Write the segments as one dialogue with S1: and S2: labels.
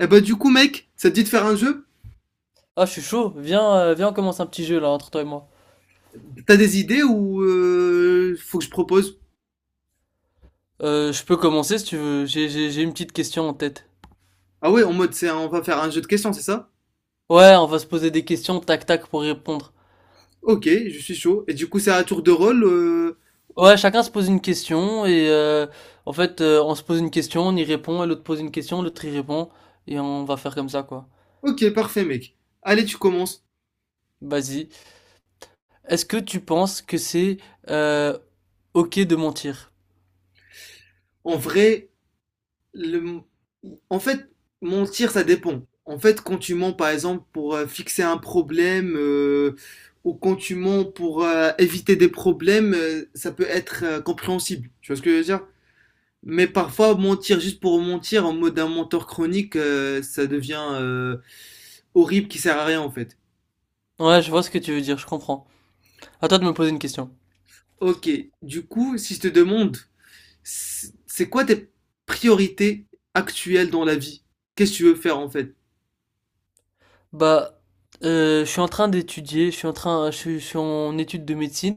S1: Eh bah, du coup, mec, ça te dit de faire un jeu?
S2: Ah, je suis chaud. Viens, viens, on commence un petit jeu là entre toi et moi.
S1: T'as des idées ou faut que je propose?
S2: Je peux commencer si tu veux. J'ai une petite question en tête.
S1: Ah ouais, en mode, c'est, on va faire un jeu de questions, c'est ça?
S2: Ouais, on va se poser des questions, tac tac, pour y répondre.
S1: Ok, je suis chaud. Et du coup, c'est à tour de rôle.
S2: Ouais, chacun se pose une question et on se pose une question, on y répond, et l'autre pose une question, l'autre y répond et on va faire comme ça quoi.
S1: Ok, parfait, mec. Allez, tu commences.
S2: Vas-y. Est-ce que tu penses que c'est euh, ok de mentir?
S1: En vrai, le... en fait, mentir, ça dépend. En fait, quand tu mens, par exemple, pour fixer un problème, ou quand tu mens pour éviter des problèmes, ça peut être compréhensible. Tu vois ce que je veux dire? Mais parfois, mentir juste pour mentir en mode un menteur chronique, ça devient horrible qui sert à rien en fait.
S2: Ouais, je vois ce que tu veux dire, je comprends. À toi de me poser une question.
S1: Ok, du coup, si je te demande, c'est quoi tes priorités actuelles dans la vie? Qu'est-ce que tu veux faire en fait?
S2: Bah, je suis en train d'étudier, je suis en étude de médecine,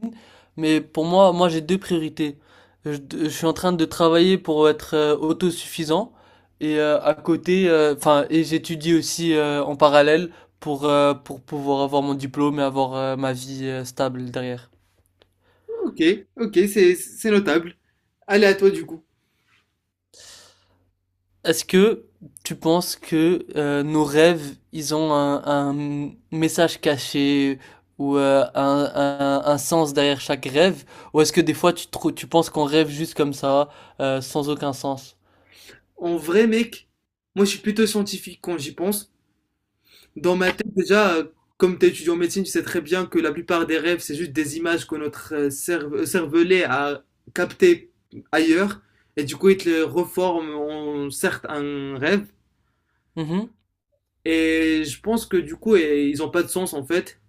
S2: mais pour moi, moi j'ai deux priorités. Je suis en train de travailler pour être autosuffisant et à côté, enfin, et j'étudie aussi en parallèle pour pouvoir avoir mon diplôme et avoir ma vie stable derrière.
S1: Ok, ok, c'est notable. Allez à toi du coup.
S2: Est-ce que tu penses que nos rêves, ils ont un message caché ou un, un sens derrière chaque rêve? Ou est-ce que des fois tu, tu penses qu'on rêve juste comme ça, sans aucun sens?
S1: En vrai, mec, moi je suis plutôt scientifique quand j'y pense. Dans ma tête, déjà, comme tu es étudiant en médecine, tu sais très bien que la plupart des rêves, c'est juste des images que notre cervelet a captées ailleurs. Et du coup, il te les reforme en certes un rêve.
S2: Mhm.
S1: Et je pense que du coup, ils n'ont pas de sens en fait.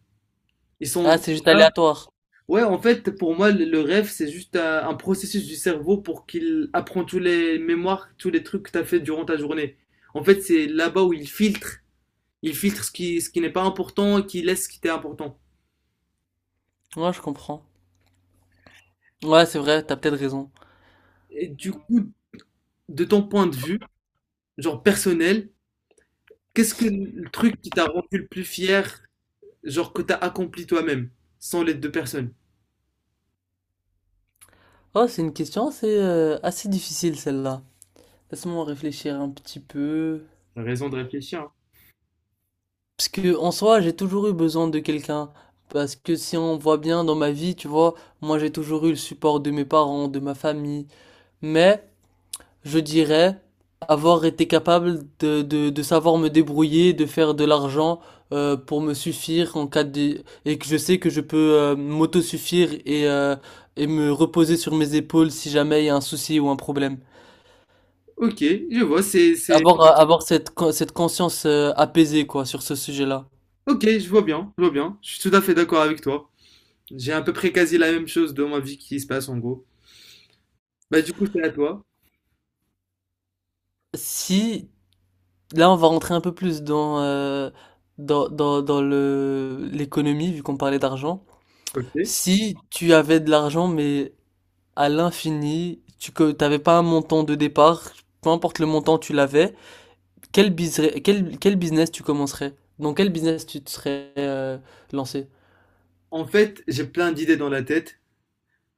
S1: Ils sont
S2: Ah,
S1: juste
S2: c'est juste
S1: là.
S2: aléatoire.
S1: Ouais, en fait, pour moi, le rêve, c'est juste un processus du cerveau pour qu'il apprend tous les mémoires, tous les trucs que tu as fait durant ta journée. En fait, c'est là-bas où il filtre. Il filtre ce qui n'est pas important et qui laisse ce qui était important.
S2: Ouais, je comprends. Ouais, c'est vrai, t'as peut-être raison.
S1: Et du coup, de ton point de vue, genre personnel, qu'est-ce que le truc qui t'a rendu le plus fier, genre que t'as accompli toi-même, sans l'aide de personne?
S2: Oh, c'est une question assez, assez difficile celle-là. Laisse-moi réfléchir un petit peu.
S1: T'as raison de réfléchir. Hein.
S2: Parce que en soi, j'ai toujours eu besoin de quelqu'un. Parce que si on voit bien dans ma vie, tu vois, moi j'ai toujours eu le support de mes parents, de ma famille. Mais je dirais avoir été capable de savoir me débrouiller, de faire de l'argent pour me suffire en cas de... Et que je sais que je peux m'autosuffire et me reposer sur mes épaules si jamais il y a un souci ou un problème.
S1: Ok, je vois, c'est.
S2: Avoir cette, cette conscience apaisée, quoi, sur ce sujet-là.
S1: Ok, je vois bien, je vois bien. Je suis tout à fait d'accord avec toi. J'ai à peu près quasi la même chose dans ma vie qui se passe en gros. Bah du coup, c'est à toi.
S2: Si là, on va rentrer un peu plus dans, l'économie, vu qu'on parlait d'argent.
S1: Ok.
S2: Si tu avais de l'argent, mais à l'infini, tu que t'avais pas un montant de départ, peu importe le montant, tu l'avais, quel, quel business tu commencerais? Dans quel business tu te serais lancé?
S1: En fait, j'ai plein d'idées dans la tête,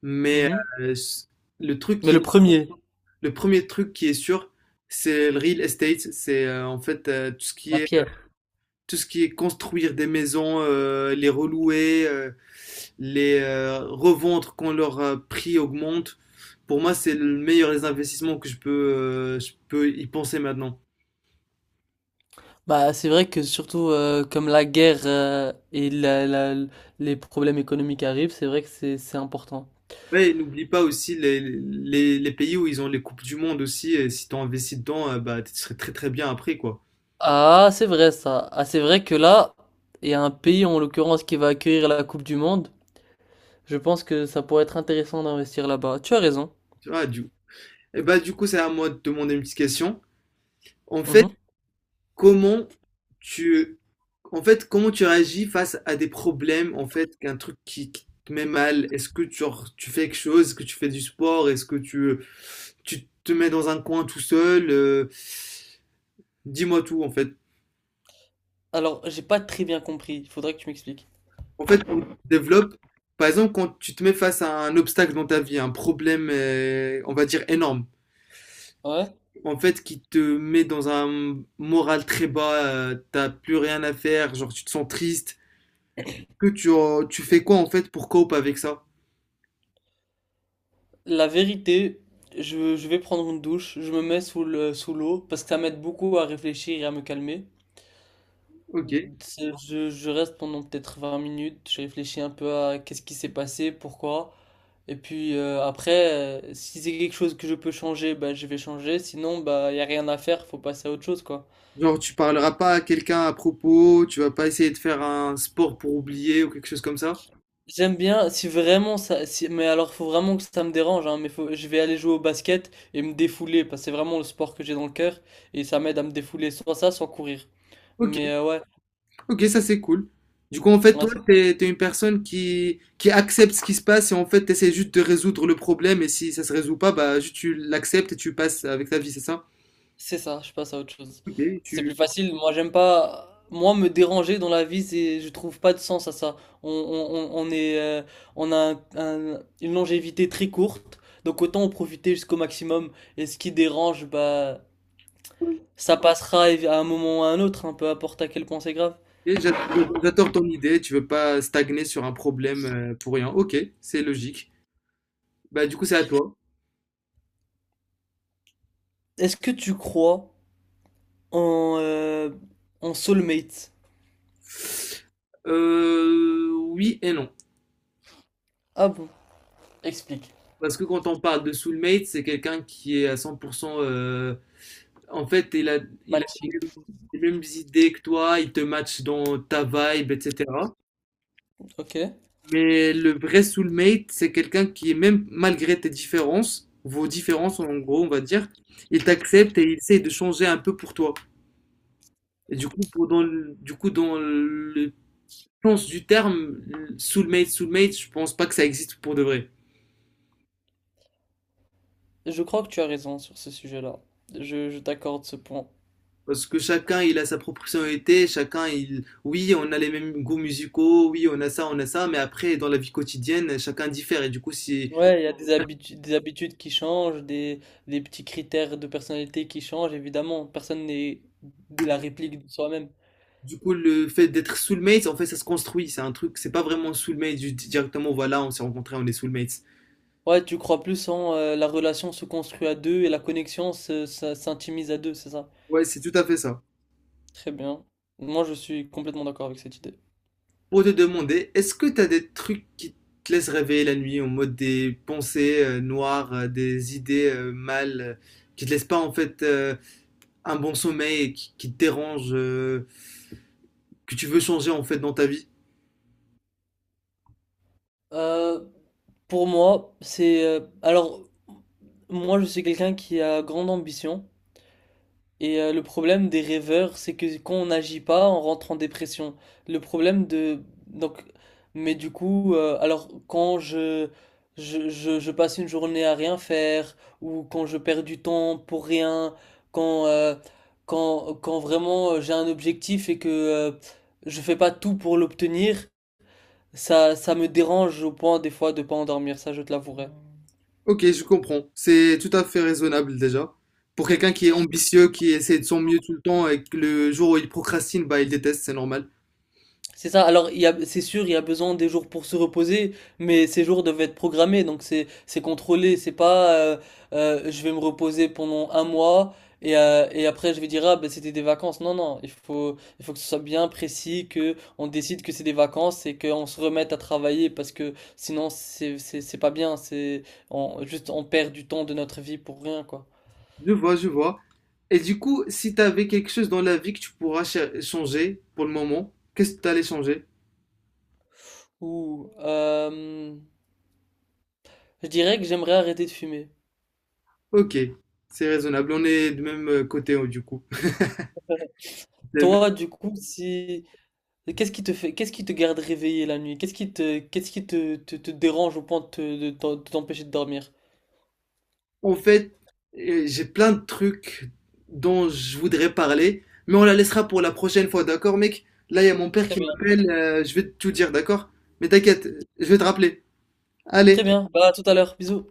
S1: mais
S2: Mhm.
S1: euh, s- le truc
S2: Mais
S1: qui,
S2: le premier.
S1: le premier truc qui est sûr, c'est le real estate. C'est en fait tout ce qui
S2: La
S1: est
S2: pierre.
S1: tout ce qui est construire des maisons, les relouer, les revendre quand leur prix augmente, pour moi, c'est le meilleur des investissements que je peux y penser maintenant.
S2: Bah, c'est vrai que surtout comme la guerre et les problèmes économiques arrivent, c'est vrai que c'est important.
S1: Ouais, et n'oublie pas aussi les pays où ils ont les Coupes du Monde aussi, et si tu investis dedans, bah, tu serais très très bien après, quoi.
S2: Ah, c'est vrai ça. Ah, c'est vrai que là, il y a un pays en l'occurrence qui va accueillir la Coupe du Monde. Je pense que ça pourrait être intéressant d'investir là-bas. Tu as raison.
S1: Tu vois. Et bah, du coup, c'est à moi de te demander une petite question. En fait,
S2: Mhm.
S1: Comment tu en fait, comment tu réagis face à des problèmes, en fait, qu'un truc qui te met mal? Est-ce que tu genre, tu fais quelque chose? Est-ce que tu fais du sport? Est-ce que tu te mets dans un coin tout seul? Dis-moi tout, en fait.
S2: Alors, j'ai pas très bien compris. Il faudrait que tu m'expliques.
S1: En fait, quand tu développes par exemple, quand tu te mets face à un obstacle dans ta vie, un problème, on va dire énorme,
S2: Ouais.
S1: en fait, qui te met dans un moral très bas, tu plus rien à faire, genre tu te sens triste, que tu fais quoi, en fait, pour cope avec ça?
S2: La vérité, je vais prendre une douche. Je me mets sous sous l'eau parce que ça m'aide beaucoup à réfléchir et à me calmer.
S1: Ok.
S2: Je reste pendant peut-être 20 minutes. Je réfléchis un peu à qu'est-ce qui s'est passé, pourquoi. Et puis après, si c'est quelque chose que je peux changer, bah, je vais changer. Sinon, bah, il n'y a rien à faire, faut passer à autre chose, quoi.
S1: Genre, tu parleras pas à quelqu'un à propos, tu vas pas essayer de faire un sport pour oublier ou quelque chose comme ça.
S2: J'aime bien, si vraiment ça, si, mais alors faut vraiment que ça me dérange, hein, mais faut, je vais aller jouer au basket et me défouler, parce que c'est vraiment le sport que j'ai dans le cœur, et ça m'aide à me défouler, soit ça, soit courir.
S1: Ok,
S2: Mais ouais,
S1: ok, ça c'est cool. Du coup, en fait, toi,
S2: ouais,
S1: t'es une personne qui accepte ce qui se passe et en fait, t'essaies juste de résoudre le problème et si ça se résout pas, bah, juste tu l'acceptes et tu passes avec ta vie, c'est ça?
S2: c'est ça, je passe à autre chose.
S1: Ok,
S2: C'est
S1: tu,
S2: plus facile. Moi, j'aime pas. Moi, me déranger dans la vie, c'est, je trouve pas de sens à ça. On est, on a une longévité très courte, donc autant en profiter jusqu'au maximum. Et ce qui dérange, bah,
S1: ok,
S2: ça passera à un moment ou à un autre, hein, peu importe à quel point c'est grave.
S1: j'a- j'adore ton idée, tu veux pas stagner sur un problème pour rien. Ok, c'est logique. Bah, du coup, c'est à toi.
S2: Est-ce que tu crois en, en soulmate?
S1: Oui et non.
S2: Ah bon? Explique.
S1: Parce que quand on parle de soulmate, c'est quelqu'un qui est à 100%. En fait, il a les
S2: Matching.
S1: mêmes les mêmes idées que toi, il te match dans ta vibe, etc.
S2: Ok.
S1: Mais le vrai soulmate, c'est quelqu'un qui est même malgré tes différences, vos différences en gros, on va dire, il t'accepte et il essaie de changer un peu pour toi. Et du coup, du coup, dans le sens du terme, soulmate, soulmate, je pense pas que ça existe pour de vrai.
S2: Je crois que tu as raison sur ce sujet-là. Je t'accorde ce point.
S1: Parce que chacun, il a sa propre personnalité. Oui, on a les mêmes goûts musicaux, oui, on a ça, mais après, dans la vie quotidienne, chacun diffère. Et du coup.
S2: Ouais, il y a des habitudes qui changent, des petits critères de personnalité qui changent, évidemment. Personne n'est la réplique de soi-même.
S1: Du coup, le fait d'être soulmates, en fait, ça se construit. C'est un truc, c'est pas vraiment soulmate, directement, voilà, on s'est rencontrés, on est soulmates.
S2: Ouais, tu crois plus en la relation se construit à deux et la connexion ça s'intimise à deux, c'est ça?
S1: Ouais, c'est tout à fait ça.
S2: Très bien. Moi, je suis complètement d'accord avec cette idée.
S1: Pour te demander, est-ce que t'as des trucs qui te laissent rêver la nuit, en mode des pensées noires, des idées mal, qui te laissent pas, en fait, un bon sommeil, et qui te dérangent que tu veux changer en fait dans ta vie.
S2: Euh, pour moi, c'est... alors, moi, je suis quelqu'un qui a grande ambition. Et le problème des rêveurs, c'est que quand on n'agit pas, on rentre en dépression. Le problème de... Donc, mais du coup, alors quand je, je passe une journée à rien faire, ou quand je perds du temps pour rien, quand, quand vraiment j'ai un objectif et que je fais pas tout pour l'obtenir, ça me dérange au point des fois de pas endormir, ça je te l'avouerai.
S1: Ok, je comprends. C'est tout à fait raisonnable déjà. Pour quelqu'un qui est ambitieux, qui essaie de son mieux tout le temps et que le jour où il procrastine, bah il déteste, c'est normal.
S2: C'est ça. Alors, il y a, c'est sûr, il y a besoin des jours pour se reposer, mais ces jours doivent être programmés, donc c'est contrôlé. C'est pas, je vais me reposer pendant un mois et après je vais dire ah ben c'était des vacances. Non, non, il faut que ce soit bien précis, que on décide que c'est des vacances et qu'on se remette à travailler parce que sinon c'est pas bien. On, juste on perd du temps de notre vie pour rien quoi.
S1: Je vois, je vois. Et du coup, si t'avais quelque chose dans la vie que tu pourras changer pour le moment, qu'est-ce que t'allais changer?
S2: Ou, je dirais que j'aimerais arrêter de fumer.
S1: Ok, c'est raisonnable. On est du même côté du coup. C'est le
S2: Toi, du coup, si et qu'est-ce qui te fait, qu'est-ce qui te garde réveillé la nuit? Qu'est-ce qui te, qu'est-ce qui te dérange au point de de de t'empêcher de dormir?
S1: En fait, j'ai plein de trucs dont je voudrais parler, mais on la laissera pour la prochaine fois, d'accord, mec? Là, il y a mon père
S2: Très
S1: qui
S2: bien.
S1: m'appelle, je vais tout dire, d'accord? Mais t'inquiète, je vais te rappeler. Allez.
S2: Très bien. Bah, à tout à l'heure. Bisous.